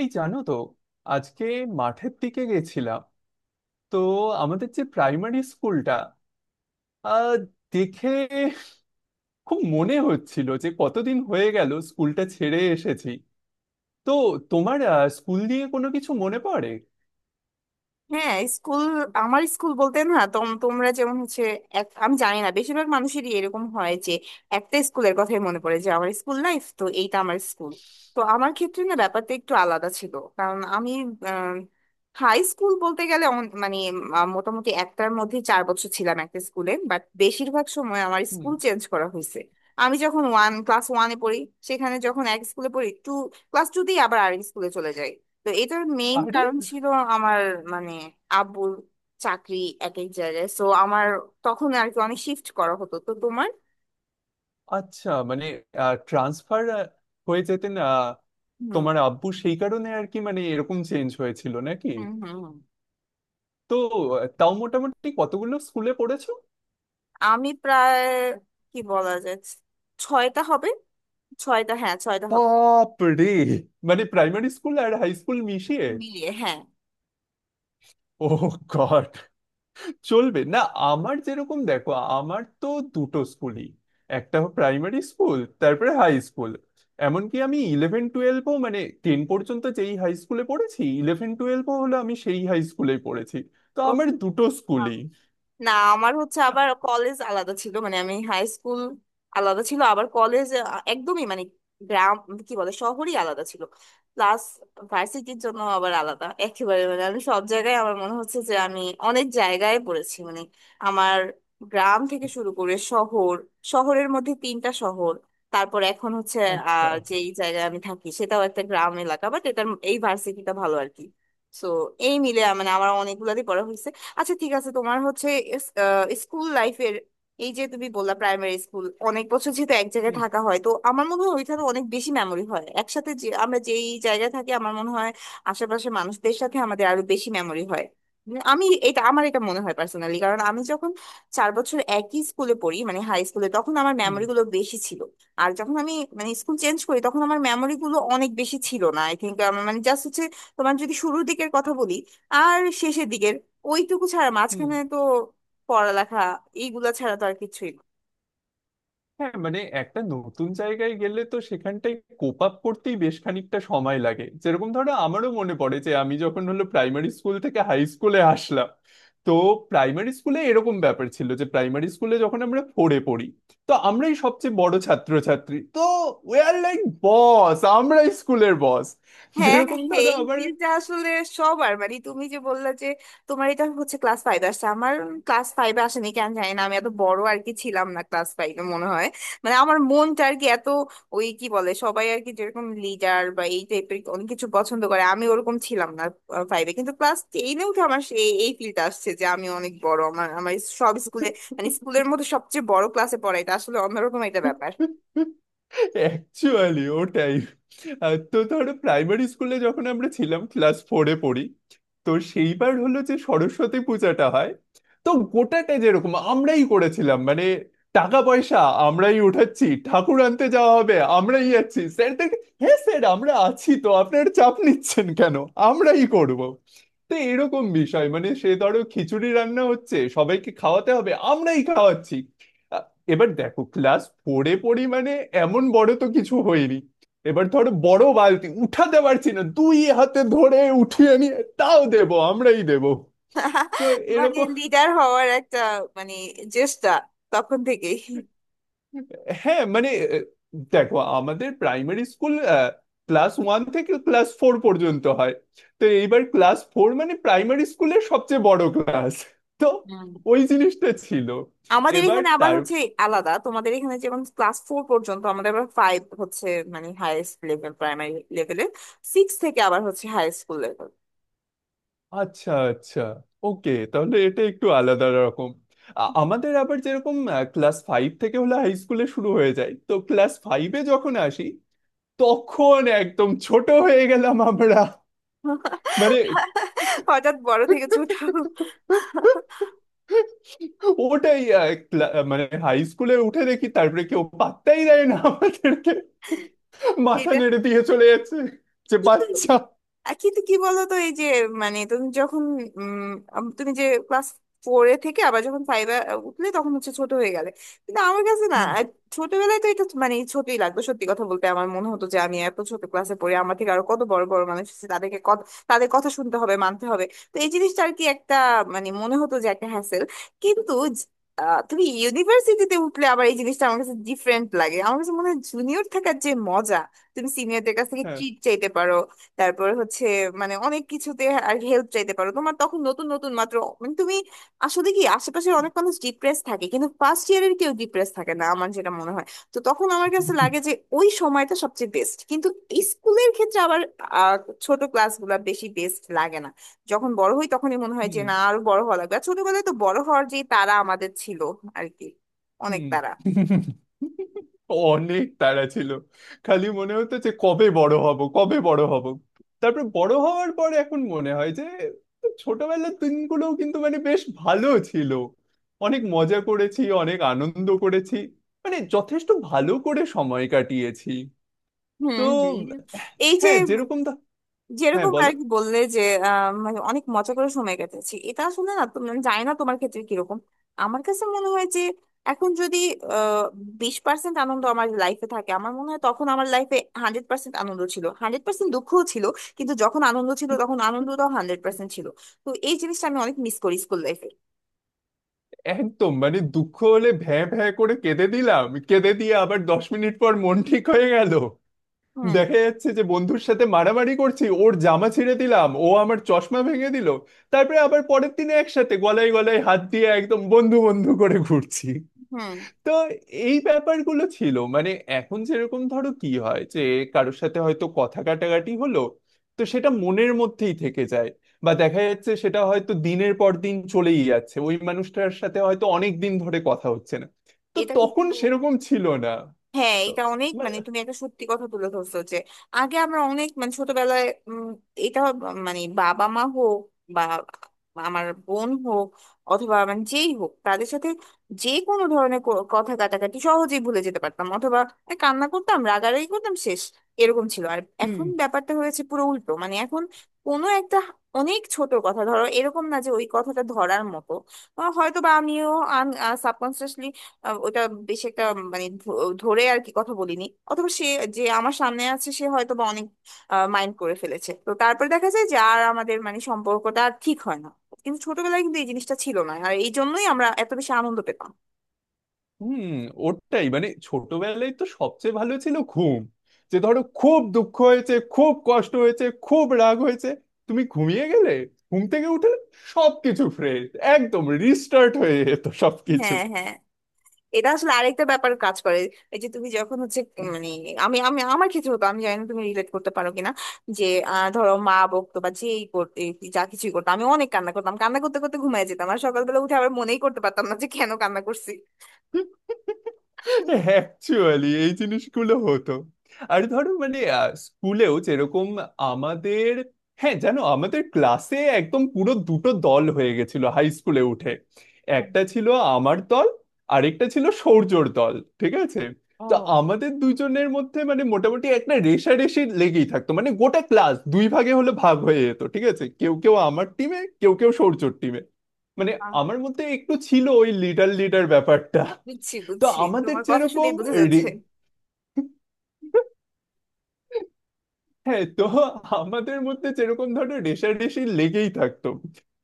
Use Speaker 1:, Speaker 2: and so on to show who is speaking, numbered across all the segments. Speaker 1: এই জানো তো। আজকে মাঠের দিকে গেছিলাম। তো আমাদের যে প্রাইমারি স্কুলটা, আহ দেখে খুব মনে হচ্ছিল যে কতদিন হয়ে গেল স্কুলটা ছেড়ে এসেছি। তো তোমার স্কুল নিয়ে কোনো কিছু মনে পড়ে?
Speaker 2: হ্যাঁ, স্কুল। আমার স্কুল বলতে না তোমরা যেমন হচ্ছে আমি জানি না বেশিরভাগ মানুষেরই এরকম হয় যে একটা স্কুলের কথাই মনে পড়ে যে আমার স্কুল লাইফ তো এইটা আমার স্কুল। তো আমার ক্ষেত্রে না ব্যাপারটা একটু আলাদা ছিল কারণ আমি হাই স্কুল বলতে গেলে মানে মোটামুটি একটার মধ্যে 4 বছর ছিলাম একটা স্কুলে, বাট বেশিরভাগ সময় আমার
Speaker 1: হুম।
Speaker 2: স্কুল চেঞ্জ করা হয়েছে। আমি যখন ওয়ান ক্লাস ওয়ানে পড়ি, সেখানে যখন এক স্কুলে পড়ি, টু ক্লাস টু দিয়ে আবার আরেক স্কুলে চলে যাই। তো এটার মেইন
Speaker 1: আরে,
Speaker 2: কারণ ছিল আমার, মানে আব্বুর চাকরি এক এক জায়গায়, সো আমার তখন আর কি অনেক শিফট করা হতো। তো তোমার
Speaker 1: আচ্ছা, মানে ট্রান্সফার হয়ে যেতেন
Speaker 2: হুম
Speaker 1: তোমার আব্বু সেই কারণে আর কি, মানে এরকম চেঞ্জ হয়েছিল নাকি?
Speaker 2: হুম হুম হুম।
Speaker 1: তো তাও মোটামুটি কতগুলো স্কুলে পড়েছো?
Speaker 2: আমি প্রায় কি বলা যায় ছয়টা হবে, ছয়টা, হ্যাঁ ছয়টা হবে।
Speaker 1: বাপ রে! মানে প্রাইমারি স্কুল আর হাই স্কুল মিশিয়ে।
Speaker 2: মিলিয়ে হ্যাঁ।
Speaker 1: ও গড, চলবে না। আমার যেরকম দেখো, আমার তো দুটো স্কুলই, একটা প্রাইমারি স্কুল তারপরে হাই স্কুল। এমনকি আমি ইলেভেন টুয়েলভও মানে টেন পর্যন্ত যেই হাই স্কুলে পড়েছি, ইলেভেন টুয়েলভও হলো আমি সেই হাই স্কুলেই পড়েছি। তো আমার দুটো
Speaker 2: ও
Speaker 1: স্কুলই।
Speaker 2: না, আমার হচ্ছে আবার কলেজ আলাদা ছিল, মানে আমি হাই স্কুল আলাদা ছিল, আবার কলেজ একদমই মানে গ্রাম কি বলে শহরই আলাদা ছিল। প্লাস ভার্সিটির জন্য আবার আলাদা একেবারে, মানে আমি সব জায়গায় আমার মনে হচ্ছে যে আমি অনেক জায়গায় পড়েছি মানে আমার গ্রাম থেকে শুরু করে শহর, শহরের মধ্যে তিনটা শহর, তারপর এখন হচ্ছে
Speaker 1: আচ্ছা।
Speaker 2: আহ যেই জায়গায় আমি থাকি সেটাও একটা গ্রাম এলাকা, বাট এটার এই ভার্সিটিটা ভালো আর কি। তো এই মিলে মানে আমার অনেকগুলারই পড়া হয়েছে। আচ্ছা ঠিক আছে, তোমার হচ্ছে স্কুল লাইফের এই যে তুমি বললা প্রাইমারি স্কুল অনেক বছর যেহেতু এক জায়গায়
Speaker 1: হুম
Speaker 2: থাকা হয় তো আমার মনে হয় ওইখানে অনেক বেশি মেমরি হয় একসাথে, যে আমরা যেই জায়গায় থাকি আমার মনে হয় আশেপাশের মানুষদের সাথে আমাদের আরো বেশি মেমরি হয়। আমি এটা আমার এটা মনে হয় পার্সোনালি, কারণ আমি যখন 4 বছর একই স্কুলে পড়ি মানে হাই স্কুলে তখন আমার
Speaker 1: হুম
Speaker 2: মেমরি গুলো বেশি ছিল। আর যখন আমি মানে স্কুল চেঞ্জ করি তখন আমার মেমরি গুলো অনেক বেশি ছিল না, আই থিঙ্ক। মানে জাস্ট হচ্ছে তোমার যদি শুরুর দিকের কথা বলি আর শেষের দিকের ওইটুকু ছাড়া
Speaker 1: হুম।
Speaker 2: মাঝখানে তো পড়ালেখা এইগুলা ছাড়া তো আর কিছুই না।
Speaker 1: হ্যাঁ মানে একটা নতুন জায়গায় গেলে তো সেখানটায় কোপ আপ করতেই বেশ খানিকটা সময় লাগে। যেরকম ধরো, আমারও মনে পড়ে যে আমি যখন হলো প্রাইমারি স্কুল থেকে হাই স্কুলে আসলাম, তো প্রাইমারি স্কুলে এরকম ব্যাপার ছিল যে প্রাইমারি স্কুলে যখন আমরা ফোরে পড়ি, তো আমরাই সবচেয়ে বড় ছাত্রছাত্রী। তো উই আর লাইক বস, আমরা স্কুলের বস।
Speaker 2: হ্যাঁ হ্যাঁ
Speaker 1: যেরকম
Speaker 2: হ্যাঁ,
Speaker 1: ধরো
Speaker 2: এই
Speaker 1: আবার,
Speaker 2: ফিল্ডটা আসলে সবার, মানে তুমি যে বললে যে তোমার এটা হচ্ছে ক্লাস ফাইভ আসছে, আমার ক্লাস ফাইভে আসেনি কেন জানি না, আমি এত বড় আর কি ছিলাম না ক্লাস ফাইভে মনে হয়। মানে আমার মনটা আর কি এত ওই কি বলে সবাই আর কি যেরকম লিডার বা এই টাইপের অনেক কিছু পছন্দ করে আমি ওরকম ছিলাম না ফাইভে। কিন্তু ক্লাস টেনে উঠে আমার সেই এই ফিল্ডটা আসছে যে আমি অনেক বড়, আমার আমার সব স্কুলে মানে স্কুলের মধ্যে সবচেয়ে বড় ক্লাসে পড়া এটা আসলে অন্যরকম একটা ব্যাপার।
Speaker 1: অ্যাকচুয়ালি ওটাই। তো ধরো প্রাইমারি স্কুলে যখন আমরা ছিলাম ক্লাস ফোরে পড়ি, তো সেইবার হলো যে সরস্বতী পূজাটা হয়। তো গোটাটা যেরকম আমরাই করেছিলাম, মানে টাকা পয়সা আমরাই উঠাচ্ছি, ঠাকুর আনতে যাওয়া হবে আমরাই যাচ্ছি, স্যার দেখে, হ্যাঁ স্যার আমরা আছি তো, আপনার চাপ নিচ্ছেন কেন, আমরাই করব। তো এরকম বিষয়, মানে সে ধরো খিচুড়ি রান্না হচ্ছে, সবাইকে খাওয়াতে হবে, আমরাই খাওয়াচ্ছি। এবার দেখো, ক্লাস ফোরে পড়ি মানে এমন বড় তো কিছু হয়নি। এবার ধরো বড় বালতি উঠাতে পারছি না, দুই হাতে ধরে উঠিয়ে নিয়ে তাও দেব, আমরাই দেব। তো
Speaker 2: মানে
Speaker 1: এরকম।
Speaker 2: লিডার হওয়ার একটা মানে চেষ্টা তখন থেকেই।
Speaker 1: হ্যাঁ মানে, আহ, দেখো আমাদের প্রাইমারি স্কুল ক্লাস ওয়ান থেকে ক্লাস ফোর পর্যন্ত হয়। তো এইবার ক্লাস ফোর মানে প্রাইমারি স্কুলের সবচেয়ে বড় ক্লাস। তো
Speaker 2: হুম।
Speaker 1: ওই জিনিসটা ছিল।
Speaker 2: আমাদের
Speaker 1: এবার
Speaker 2: এখানে আবার
Speaker 1: তার,
Speaker 2: হচ্ছে আলাদা, তোমাদের এখানে যেমন ক্লাস ফোর পর্যন্ত আমাদের আবার ফাইভ হচ্ছে মানে হাইয়েস্ট লেভেল প্রাইমারি লেভেলে, সিক্স থেকে আবার হচ্ছে হাই স্কুল লেভেল।
Speaker 1: আচ্ছা আচ্ছা, ওকে তাহলে এটা একটু আলাদা রকম। আমাদের আবার যেরকম ক্লাস ফাইভ থেকে হলে হাই স্কুলে শুরু হয়ে যায়, তো ক্লাস ফাইভে যখন আসি তখন একদম ছোট হয়ে গেলাম আমরা। মানে
Speaker 2: হঠাৎ বড় থেকে ছোট।
Speaker 1: ওটাই মানে হাই স্কুলে উঠে দেখি তারপরে কেউ পাত্তাই দেয় না আমাদেরকে, মাথা
Speaker 2: এটা
Speaker 1: নেড়ে দিয়ে চলে যাচ্ছে, যে
Speaker 2: কিন্তু
Speaker 1: বাচ্চা।
Speaker 2: কিন্তু কি বলতো, এই যে মানে তুমি যখন উম তুমি যে ক্লাস ফোরে থেকে আবার যখন ফাইভে উঠলে তখন হচ্ছে ছোট হয়ে গেলে, কিন্তু আমার কাছে না
Speaker 1: হুম।
Speaker 2: ছোটবেলায় তো এটা মানে ছোটই লাগতো। সত্যি কথা বলতে আমার মনে হতো যে আমি এত ছোট ক্লাসে পড়ি আমার থেকে আরো কত বড় বড় মানুষ আছে তাদেরকে কত তাদের কথা শুনতে হবে মানতে হবে। তো এই জিনিসটা আর কি একটা মানে মনে হতো যে একটা হ্যাসেল। কিন্তু জ- তুমি ইউনিভার্সিটিতে উঠলে আবার এই জিনিসটা আমার কাছে ডিফারেন্ট লাগে, আমার কাছে মনে হয় জুনিয়র থাকার যে মজা, তুমি সিনিয়রদের কাছ থেকে
Speaker 1: হ্যাঁ।
Speaker 2: ট্রিট চাইতে পারো, তারপর হচ্ছে মানে অনেক কিছুতে আর হেল্প চাইতে পারো, তোমার তখন নতুন নতুন মাত্র মানে তুমি আসলে কি আশেপাশের অনেক মানুষ ডিপ্রেস থাকে কিন্তু ফার্স্ট ইয়ারের কেউ ডিপ্রেস থাকে না আমার যেটা মনে হয়। তো তখন আমার কাছে লাগে যে ওই সময়টা সবচেয়ে বেস্ট। কিন্তু স্কুলের ক্ষেত্রে আবার আহ, ছোট ক্লাসগুলো বেশি বেস্ট লাগে না, যখন বড় হই তখনই মনে হয় যে
Speaker 1: হুম
Speaker 2: না আরো বড় হওয়া লাগবে। আর ছোটবেলায় তো বড় হওয়ার যে তারা আমাদের ছিল আর কি, অনেক
Speaker 1: হুম
Speaker 2: তারা।
Speaker 1: হুম। অনেক তাড়া ছিল, খালি মনে হতো যে কবে বড় হব কবে বড় হব। তারপর বড় হওয়ার পর এখন মনে হয় যে ছোটবেলার দিনগুলোও কিন্তু মানে বেশ ভালো ছিল, অনেক মজা করেছি অনেক আনন্দ করেছি, মানে যথেষ্ট ভালো করে সময় কাটিয়েছি।
Speaker 2: হুম
Speaker 1: তো
Speaker 2: হুম। এই যে
Speaker 1: হ্যাঁ যেরকম ধর, হ্যাঁ
Speaker 2: যেরকম
Speaker 1: বলো।
Speaker 2: আর কি বললে যে মানে অনেক মজা করে সময় কাটাচ্ছি, এটা আসলে না তুমি জানি না তোমার ক্ষেত্রে কিরকম, আমার কাছে মনে হয় যে এখন যদি আহ 20% আনন্দ আমার লাইফে থাকে, আমার মনে হয় তখন আমার লাইফে 100% আনন্দ ছিল, 100% দুঃখও ছিল, কিন্তু যখন আনন্দ ছিল তখন আনন্দটাও 100% ছিল। তো এই জিনিসটা আমি অনেক মিস করি স্কুল লাইফে।
Speaker 1: একদম, মানে দুঃখ হলে ভ্যাঁ ভ্যাঁ করে কেঁদে দিলাম, কেঁদে দিয়ে আবার 10 মিনিট পর মন ঠিক হয়ে গেল।
Speaker 2: হুম
Speaker 1: দেখা যাচ্ছে যে বন্ধুর সাথে মারামারি করছি, ওর জামা ছিঁড়ে দিলাম, ও আমার চশমা ভেঙে দিল, তারপরে আবার পরের দিনে একসাথে গলায় গলায় হাত দিয়ে একদম বন্ধু বন্ধু করে ঘুরছি।
Speaker 2: হুম।
Speaker 1: তো এই ব্যাপারগুলো ছিল মানে। এখন যেরকম ধরো কি হয় যে কারোর সাথে হয়তো কথা কাটাকাটি হলো, তো সেটা মনের মধ্যেই থেকে যায়, বা দেখা যাচ্ছে সেটা হয়তো দিনের পর দিন চলেই যাচ্ছে, ওই মানুষটার সাথে হয়তো অনেক দিন ধরে কথা হচ্ছে না। তো
Speaker 2: এটা
Speaker 1: তখন
Speaker 2: কিন্তু
Speaker 1: সেরকম ছিল না।
Speaker 2: হ্যাঁ,
Speaker 1: তো,
Speaker 2: এটা অনেক
Speaker 1: মানে,
Speaker 2: মানে তুমি একটা সত্যি কথা তুলে ধরছো যে আগে আমরা অনেক মানে ছোটবেলায় এটা মানে বাবা মা হোক বা আমার বোন হোক অথবা মানে যেই হোক তাদের সাথে যে কোনো ধরনের কথা কাটাকাটি সহজেই ভুলে যেতে পারতাম, অথবা এই কান্না করতাম রাগারাগি করতাম শেষ, এরকম ছিল। আর
Speaker 1: হুম
Speaker 2: এখন ব্যাপারটা হয়েছে পুরো উল্টো মানে এখন কোনো একটা অনেক ছোট কথা ধরো এরকম না যে ওই কথাটা ধরার মতো হয়তো বা আমিও ওটা বেশ একটা মানে ধরে আর কি কথা বলিনি, অথবা সে যে আমার সামনে আছে সে হয়তো বা অনেক মাইন্ড করে ফেলেছে তো তারপর দেখা যায় যে আর আমাদের মানে সম্পর্কটা আর ঠিক হয় না। কিন্তু ছোটবেলায় কিন্তু এই জিনিসটা ছিল না আর এই জন্যই আমরা এত বেশি আনন্দ পেতাম।
Speaker 1: হুম। ওটাই, মানে ছোটবেলায় তো সবচেয়ে ভালো ছিল ঘুম। যে ধরো খুব দুঃখ হয়েছে, খুব কষ্ট হয়েছে, খুব রাগ হয়েছে, তুমি ঘুমিয়ে গেলে, ঘুম থেকে উঠে সবকিছু ফ্রেশ, একদম রিস্টার্ট হয়ে যেত সবকিছু।
Speaker 2: হ্যাঁ হ্যাঁ, এটা আসলে আরেকটা ব্যাপার কাজ করে, এই যে তুমি যখন হচ্ছে মানে আমি আমি আমার ক্ষেত্রে হতো আমি জানি না তুমি রিলেট করতে পারো কিনা যে ধরো মা বকতো বা যেই করতে যা কিছুই করতো আমি অনেক কান্না করতাম, কান্না করতে করতে ঘুমায় যেতাম আর সকালবেলা উঠে আবার মনেই করতে পারতাম না যে কেন কান্না করছি।
Speaker 1: অ্যাকচুয়ালি এই জিনিসগুলো হতো। আর ধরো মানে স্কুলেও যেরকম আমাদের, হ্যাঁ জানো, আমাদের ক্লাসে একদম পুরো দুটো দল হয়ে গেছিল হাই স্কুলে উঠে।
Speaker 2: ও
Speaker 1: একটা ছিল আমার দল, আরেকটা ছিল সৌর্যর দল, ঠিক আছে? তো আমাদের দুজনের মধ্যে মানে মোটামুটি একটা রেষারেষি লেগেই থাকতো, মানে গোটা ক্লাস দুই ভাগে হলে ভাগ হয়ে যেত, ঠিক আছে, কেউ কেউ আমার টিমে কেউ কেউ সৌর্যর টিমে। মানে
Speaker 2: আহ,
Speaker 1: আমার মধ্যে একটু ছিল ওই লিডার লিডার ব্যাপারটা।
Speaker 2: বুঝছি
Speaker 1: তো
Speaker 2: বুঝছি,
Speaker 1: আমাদের
Speaker 2: তোমার কথা
Speaker 1: যেরকম
Speaker 2: শুনেই বোঝা যাচ্ছে।
Speaker 1: রে- হ্যাঁ, তো আমাদের মধ্যে যেরকম ধরো রেষারেষি লেগেই থাকতো।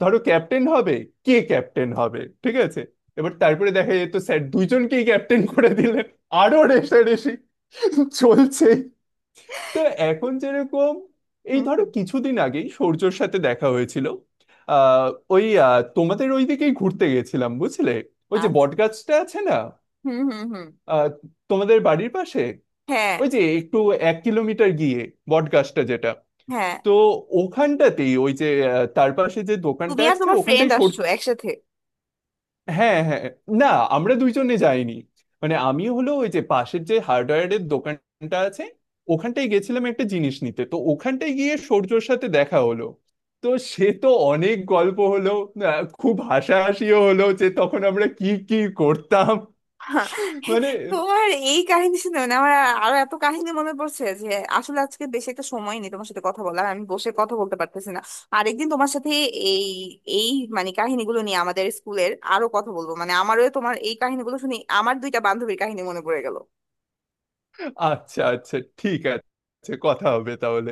Speaker 1: ধরো ক্যাপ্টেন হবে, কে ক্যাপ্টেন হবে, ঠিক আছে, এবার তারপরে দেখা যেত স্যার দুইজনকেই ক্যাপ্টেন করে দিলেন, আরো রেষারেষি চলছে। তো এখন যেরকম,
Speaker 2: হুম
Speaker 1: এই ধরো
Speaker 2: হুম।
Speaker 1: কিছুদিন আগেই সূর্যর সাথে দেখা হয়েছিল। আহ ওই, তোমাদের ওইদিকেই ঘুরতে গেছিলাম, বুঝলে, ওই যে
Speaker 2: আচ্ছা।
Speaker 1: বটগাছটা আছে না,
Speaker 2: হুম হুম হুম।
Speaker 1: আহ, তোমাদের বাড়ির পাশে,
Speaker 2: হ্যাঁ
Speaker 1: ওই যে একটু 1 কিলোমিটার গিয়ে বটগাছটা যেটা,
Speaker 2: হ্যাঁ।
Speaker 1: তো ওখানটাতেই, ওই যে তার পাশে যে দোকানটা
Speaker 2: তুমি আর
Speaker 1: আছে,
Speaker 2: তোমার
Speaker 1: ওখানটাই
Speaker 2: ফ্রেন্ড
Speaker 1: সর,
Speaker 2: আসছো একসাথে?
Speaker 1: হ্যাঁ হ্যাঁ। না আমরা দুইজনে যাইনি, মানে আমি হলো ওই যে পাশের যে হার্ডওয়্যারের দোকানটা আছে, ওখানটায় গেছিলাম একটা জিনিস নিতে, তো ওখানটায় গিয়ে সূর্যর সাথে দেখা হলো। তো সে তো অনেক গল্প হলো, খুব হাসাহাসিও হলো যে তখন আমরা কি কি করতাম,
Speaker 2: হা,
Speaker 1: মানে।
Speaker 2: তোমার এই কাহিনী শুনে মানে আমার আরো এত কাহিনী মনে পড়ছে যে আসলে আজকে বেশি একটা সময় নেই তোমার সাথে কথা বলার, আমি বসে কথা বলতে পারতেছি না। আরেকদিন তোমার সাথে এই এই মানে কাহিনীগুলো নিয়ে আমাদের স্কুলের আরো কথা বলবো, মানে আমারও তোমার এই কাহিনীগুলো শুনে আমার দুইটা বান্ধবীর কাহিনী মনে পড়ে গেল।
Speaker 1: আচ্ছা আচ্ছা ঠিক আছে, কথা হবে তাহলে।